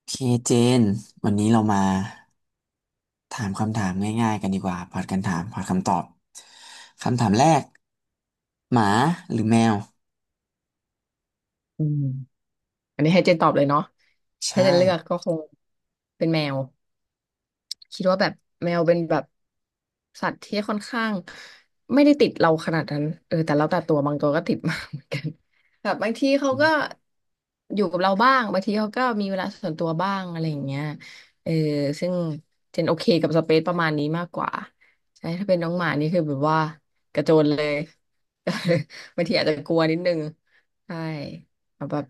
โอเคเจนวันนี้เรามาถามคำถามง่ายๆกันดีกว่าผัดกันถามผัดคำตอบคำถามแรกหมาหรือแมวอืมอันนี้ให้เจนตอบเลยเนาะใชถ้าเจ่นเลือกก็คงเป็นแมวคิดว่าแบบแมวเป็นแบบสัตว์ที่ค่อนข้างไม่ได้ติดเราขนาดนั้นเออแต่แล้วแต่ตัวบางตัวก็ติดมากเหมือนกันแบบบางทีเขาก็อยู่กับเราบ้างบางทีเขาก็มีเวลาส่วนตัวบ้างอะไรอย่างเงี้ยเออซึ่งเจนโอเคกับสเปซประมาณนี้มากกว่าใช่ถ้าเป็นน้องหมานี่คือแบบว่ากระโจนเลย บางทีอาจจะกลัวนิดนึงใช่ แบบ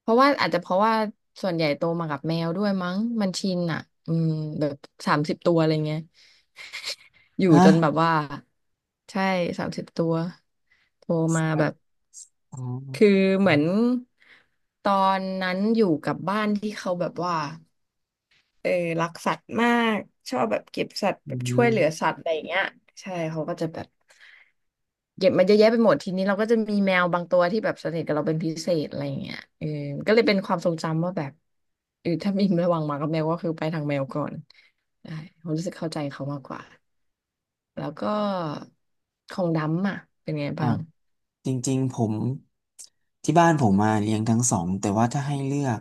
เพราะว่าอาจจะเพราะว่าส่วนใหญ่โตมากับแมวด้วยมั้งมันชินอ่ะอืมแบบสามสิบตัวอะไรเงี้ยอยู่ฮะจนแบบว่าใช่สามสิบตัวโตมาแบบอ๋อคือเหมือนตอนนั้นอยู่กับบ้านที่เขาแบบว่า เออรักสัตว์มากชอบแบบเก็บสัตว์อืแบบช่วยเหมลือสัตว์อะไรอย่างเงี้ยใช่เขาก็จะแบบเก็บมาเยอะแยะไปหมดทีนี้เราก็จะมีแมวบางตัวที่แบบสนิทกับเราเป็นพิเศษอะไรอย่างเงี้ยเออก็เลยเป็นความทรงจำว่าแบบเออถ้ามีระหว่างหมากับแมวก็คือไปทางแมวก่อนใช่ผมรู้สึกเข้าใจเขามากกว่าแล้วก็ของดำอ่ะเป็นไงอ่ะบ้างจริงๆผมที่บ้านผมมาเลี้ยงทั้งสองแต่ว่าถ้าให้เลือก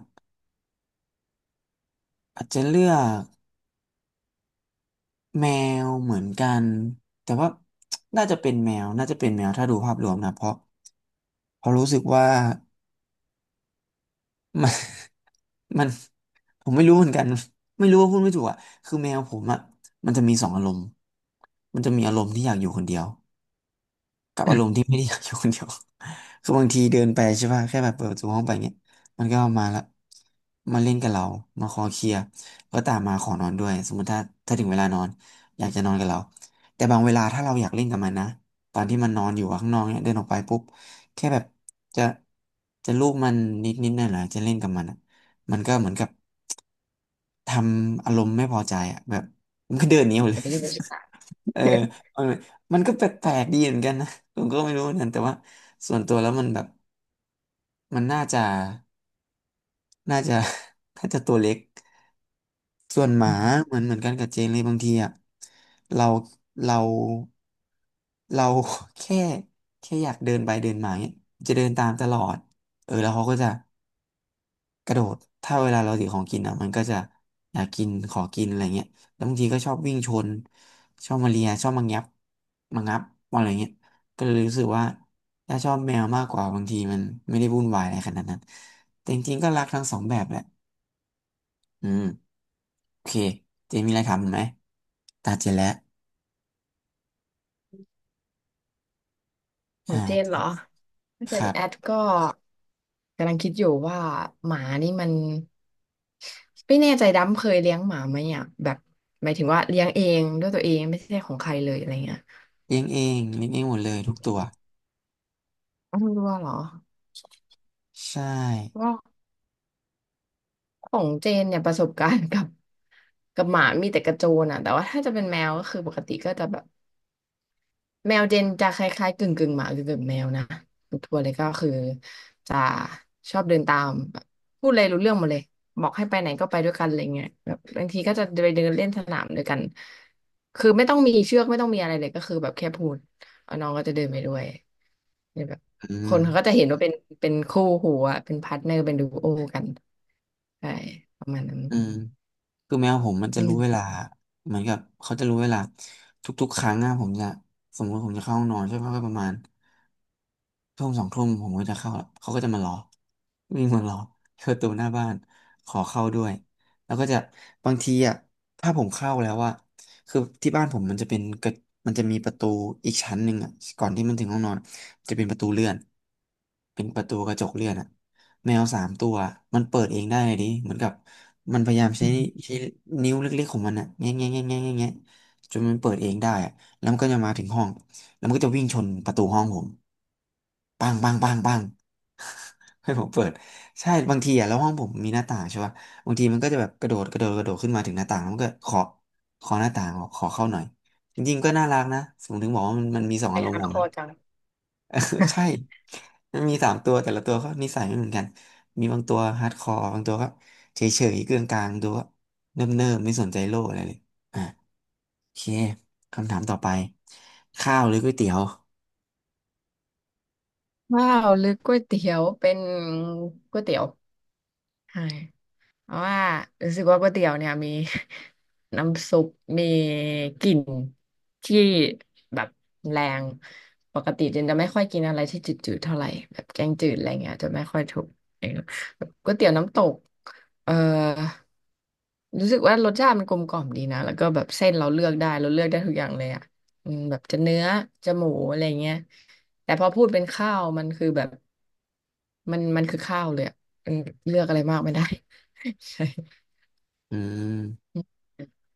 อาจจะเลือกแมวเหมือนกันแต่ว่าน่าจะเป็นแมวน่าจะเป็นแมวถ้าดูภาพรวมนะเพราะรู้สึกว่า มัน มันผมไม่รู้เหมือนกันไม่รู้ว่าพูดไม่ถูกอ่ะคือแมวผมอ่ะมันจะมีสองอารมณ์มันจะมีอารมณ์ที่อยากอยู่คนเดียว กับอารมณ์ที่ไม่ได้ อยากอยู่คนเดียว คือบางทีเดินไปใช่ป่ะแค่แบบเปิดประตูห้องไปเงี้ยมันก็มาละมาเล่นกับเรามาคอเคลียร์ก็ตามมาขอนอนด้วยสมมติถ้าถึงเวลานอนอยากจะนอนกับเราแต่บางเวลาถ้าเราอยากเล่นกับมันนะตอนที่มันนอนอยู่ข้างนอกเนี่ยเดินออกไปปุ๊บแค่แบบจะจะลูบมันนิดนิดหน่อยหน่อยๆจะเล่นกับมันอะมันก็เหมือนกับทำอารมณ์ไม่พอใจอ่ะแบบมันก็เดินหนีออกอเลย ย่าไปยุ่งกับฉัเออมันมันก็แปลกๆดีเหมือนกันนะผมก็ไม่รู้เหมือนกันแต่ว่าส่วนตัวแล้วมันแบบมันน่าจะ น่าจะตัวเล็กส่วนหมาน เหมือนเหมือนกันกับเจนเลยบางทีอ่ะเราเราเรา แค่แค่อยากเดินไปเดินมาเนี่ยจะเดินตามตลอดเออแล้วเขาก็จะ กระโดด ถ้าเวลาเราถือของกินอ่ะมันก็จะอยากกิน ขอกินอะไรเงี้ยแล้วบางทีก็ชอบวิ่งชน ชอบมาเลียชอบมางับมางับอะไรเงี้ยก็เลยรู้สึกว่าถ้าชอบแมวมากกว่าบางทีมันไม่ได้วุ่นวายอะไรขนาดนั้นแต่จริงๆก็รักทั้งสองแบบแหละอืมโอเคเจมีอะไรทำไหมตาเจแล้วขออ่งเจนเหรอาเจคนรัแอดบก็กำลังคิดอยู่ว่าหมานี่มันไม่แน่ใจดำเคยเลี้ยงหมาไหมอ่ะแบบหมายถึงว่าเลี้ยงเองด้วยตัวเองไม่ใช่ของใครเลยอะไรเงี้ยเลี้ยงเองเลี้ยงเองหมดเลยทุกตัวอ้าวไม่รู้ว่าเหรอใช่ว่าของเจนเนี่ยประสบการณ์กับกับหมามีแต่กระโจนอ่ะแต่ว่าถ้าจะเป็นแมวก็คือปกติก็จะแบบ แมวเจนจะคล้ายๆกึ่งกึ่งหมากึ่งกึ่งแมวนะทัวร์เลยก็คือจะชอบเดินตามแบบพูดอะไรรู้เรื่องหมดเลยบอกให้ไปไหนก็ไปด้วยกันอะไรเงี้ยแบบบางทีก็จะไปเดินเล่นสนามด้วยกันคือไม่ต้องมีเชือกไม่ต้องมีอะไรเลยก็คือแบบแค่พูดเอาน้องก็จะเดินไปด้วยเนี่ยแบบอืคนเขาก็จะมเห็นว่าเป็นเป็นคู่หูอะเป็นพาร์ทเนอร์เป็นดูโอกันใช่ประมาณนั้นอืม คือแมวผมมันจะรู้เวลาเหมือนกับเขาจะรู้เวลาทุกๆครั้งอะผมจะสมมติผมจะเข้าห้องนอนใช่ไหมก็ประมาณ ทุ่มสองทุ่มผมก็จะเข้าละเขาก็จะมารอวิ่งมารอที่ประตูหน้าบ้านขอเข้าด้วยแล้วก็จะบางทีอ่ะถ้าผมเข้าแล้วว่าคือที่บ้านผมมันจะเป็นกระมันจะมีประตูอีกชั้นหนึ่งอ่ะก่อนที่มันถึงห้องนอนจะเป็นประตูเลื่อนเป็นประตูกระจกเลื่อนอ่ะแมวสามตัวมันเปิดเองได้ดิเหมือนกับมันพยายามใช้อืม ใช้ นิ้วเล็กๆของมันอ่ะแง่แง่แง่แง่แง่แง่จนมันเปิดเองได้อะแล้วมันก็จะมาถึงห้องแล้วมันก็จะวิ่งชนประตูห้องผม ปังปังปังปัง ให้ผมเปิดใช่บางทีอะแล้วห้องผมมีหน้าต่างใช่ป่ะบางทีมันก็จะแบบกระโดดกระโดดกระโดดขึ้นมาถึงหน้าต่างแล้วมันก็ขอหน้าต่างบอกขอเข้าหน่อยจริงๆก็น่ารักนะผมถึงบอกว่ามันมันมีสองไปอารมหาณ์ขอคงมัอน จัง เออใช่มันมีสามตัวแต่ละตัวก็นิสัยไม่เหมือนกันมีบางตัวฮาร์ดคอร์บางตัวก็เฉยเฉยเกลื่อนกลางบางตัวก็เนิบเนิบไม่สนใจโลกอะไรเลยอ่ะโอเคคำถามต่อไปข้าวหรือก๋วยเตี๋ยวว้าวหรือก๋วยเตี๋ยวเป็นก๋วยเตี๋ยวใช่ เพราะว่ารู้สึกว่าก๋วยเตี๋ยวเนี่ยมี น้ำซุปมีกลิ่นที่แบบแรงปกติจินจะไม่ค่อยกินอะไรที่จืดๆเท่าไหร่แบบแกงจืดอะไรเงี้ยจะไม่ค่อยถูกเองแบบก๋วยเตี๋ยวน้ำตกเอ่อรู้สึกว่ารสชาติมันกลมกล่อมดีนะแล้วก็แบบเส้นเราเลือกได้เราเลือกได้ทุกอย่างเลยอ่ะอืมแบบจะเนื้อจะหมูอะไรเงี้ยแต่พอพูดเป็นข้าวมันคือแบบมันมันคือข้าวเลยอะมันเลือกอะไรมากไม่ได้ ใช่อื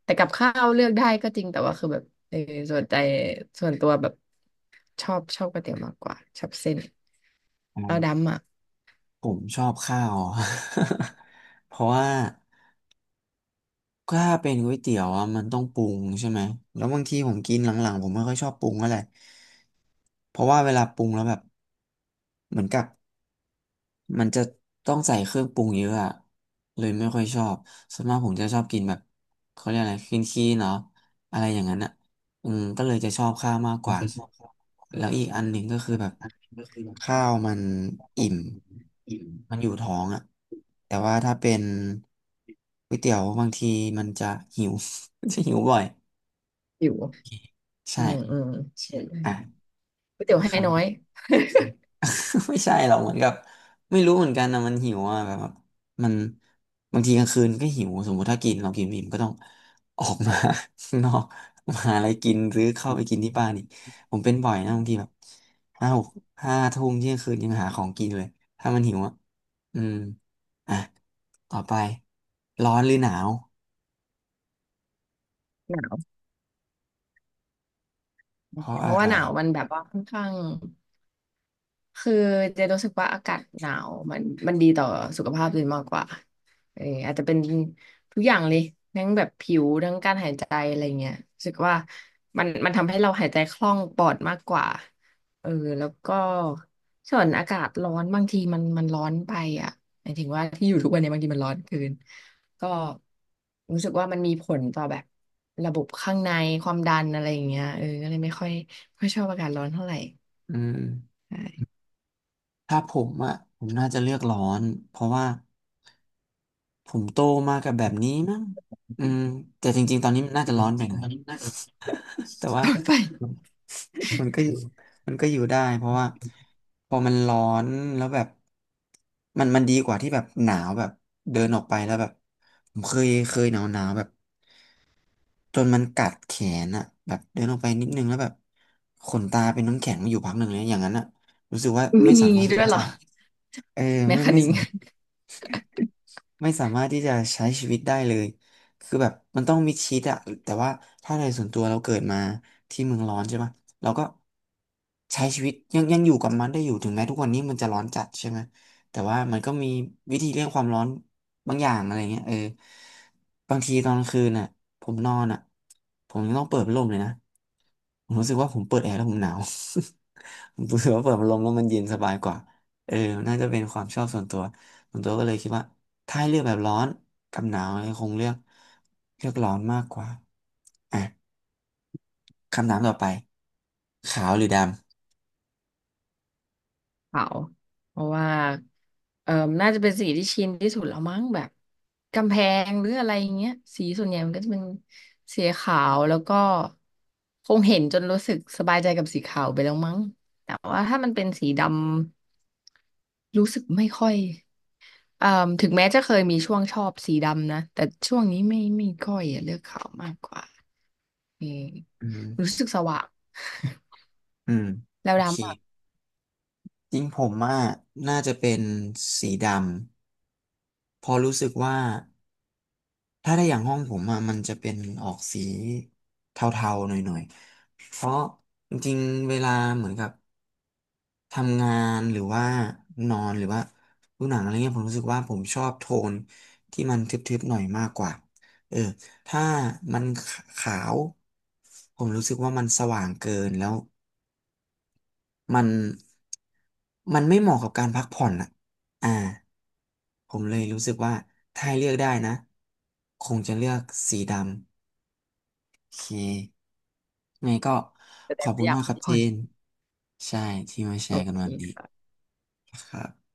แต่กับข้าวเลือกได้ก็จริงแต่ว่าคือแบบเออส่วนใจส่วนตัวแบบชอบชอบก๋วยเตี๋ยวมากกว่าชอบเส้นเราม ดำอ่ะผมชอบข้าว เพราะว่าถ้าเป็นก๋วยเตี๋ยวอะมันต้องปรุงใช่ไหมแล้วบางทีผมกินหลังๆผมไม่ค่อยชอบปรุงอะไรเพราะว่าเวลาปรุงแล้วแบบเหมือนกับ มันจะต้องใส่เครื่องปรุงเยอะอะเลยไม่ค่อยชอบส่วนมากผมจะชอบกินแบบเขาเรียกอะไรคลีนคีเนาะอะไรอย่างนั้นอ่ะอืมก็เลยจะชอบข้าวมากกว่าแล้วอีกอันหนึ่งก็คือแบบข้าวมันอิ่มมันอยู่ท้องอ่ะแต่ว่าถ้าเป็นก๋วยเตี๋ยวบางทีมันจะหิว จะหิวบ่อยอยู่อืมอืใช่มอ่ะก๋วยเตี๋ยวให้คำ น้อย ไม่ใช่หรอกเหมือนกับไม่รู้เหมือนกันนะมันหิวอ่ะแบบว่มันบางทีกลางคืนก็หิวสมมุติถ้ากินเรากินไม่อิ่มก็ต้องออกมา ข้างนอกมาหาอะไรกินหรือเข้าไปกินที่บ้านอีกผมเป็นบ่อยนะบางทีแบบห้าหกห้าทุ่มเที่ยงคืนยังหาของกินเลยถ้ามันหิวอ่ะอืมอ่ะต่อไปร้อนหรือหนาวหนาวเพราะเพอะราะว่าไรหนาวมันแบบว่าค่อนข้าง คือเจะรู้สึกว่าอากาศหนาวมันมันดีต่อสุขภาพเลยมากกว่าเอออาจจะเป็นทุกอย่างเลยทั้งแบบผิวทั้งการหายใจอะไรเงี้ยรู้สึกว่ามันมันทำให้เราหายใจคล่องปลอดมากกว่าเออแล้วก็ส่วนอากาศร้อนบางทีมันมันร้อนไปอ่ะหมายถึงว่าที่อยู่ทุกวันเนี้บางทีมันร้อนเกินก็รู้สึกว่ามันมีผลต่อแบบระบบข้างในความดันอะไรอย่างเงี้ยเออก็เลยไม่ค่อยไม่ค่อยชอบอากาศร้อนเท่าไหร่อืมใช่ ถ้าผมอ่ะผมน่าจะเลือกร้อนเพราะว่า ผมโตมากับแบบนี้มั้งอืมแต่จริงๆตอนนี้มันน่าจะร้อนไปหน่อย แต่ ว่าต่อไป มันก็อยู่มันก็อยู่ได้เพราะว่าพอมันร้อนแล้วแบบมันดีกว่าที่แบบหนาวแบบเดินออกไปแล้วแบบผมเคยเคยหนาวแบบจนมันกัดแขนอะแบบเดินออกไปนิดนึงแล้วแบบขนตาเป็นน้ำแข็งมาอยู่พักหนึ่งเลยอย่างนั้นอะรู้สึกว่าไม่มีสามารถด้ที่วยเหรจะอเออแมคไม่คาไม่นิงสามารถ ไม่สามารถที่จะใช้ชีวิตได้เลยคือแบบมันต้องมิดชิดอะแต่ว่าถ้าในส่วนตัวเราเกิดมาที่เมืองร้อนใช่ไหมเราก็ใช้ชีวิตยังอยู่กับมันได้อยู่ถึงแม้ทุกวันนี้มันจะร้อนจัดใช่ไหมแต่ว่ามันก็มีวิธีเลี่ยงความร้อนบางอย่างอะไรเงี้ยเออบางทีตอนกลางคืนน่ะผมนอนอ่ะผมยังต้องเปิดพัดลมเลยนะผมรู้สึกว่าผมเปิดแอร์แล้วผมหนาว ผมรู้สึกว่าเปิดพัดลมแล้วมันเย็นสบายกว่าเออน่าจะเป็นความชอบส่วนตัว ส่วนตัวก็เลยคิดว่าถ้าให้เลือกแบบร้อนกับหนาวเนี่ยคงเลือกร้อนมากกว่าอ่ะคำถามต่อไปขาวหรือดเปลาเพราะว่าเอ่อน่าจะเป็นสีที่ชินที่สุดแล้วมั้งแบบกำแพงหรืออะไรอย่างเงี้ยสีส่วนใหญ่มันก็จะเป็นสีขาวแล้วก็คงเห็นจนรู้สึกสบายใจกับสีขาวไปแล้วมั้งแต่ว่าถ้ามันเป็นสีดำรู้สึกไม่ค่อยเอ่อถึงแม้จะเคยมีช่วงชอบสีดำนะแต่ช่วงนี้ไม่ไม่ค่อยอะเลือกขาวมากกว่าเออำอืมรู้สึกสว่าง อืม แล้วโอเคดำอ่ะ จริงผมอ่ะน่าจะเป็นสีดำเพอรู้สึกว่าถ้าได้อย่างห้องผมอ่ะมันจะเป็นออกสีเทาๆหน่อยๆเพราะจริงๆเวลาเหมือนกับ ทำงานหรือว่านอนหรือว่าดูหนังอะไรเงี้ยผมรู้สึกว่าผมชอบโทนที่มันทึบๆหน่อยมากกว่าเออถ้ามันขาวผมรู้สึกว่ามันสว่างเกินแล้วมันมันไม่เหมาะกับการพักผ่อนอ่ะอ่าผมเลยรู้สึกว่าถ้าให้เลือกได้นะคงจะเลือกสีดำโอเคไงก็แสขดองบคุว่าณอยากมากคพัรักบเจผ่อนนใช่ที่มาแชโอร์กันเควันนี้ค่ะครับ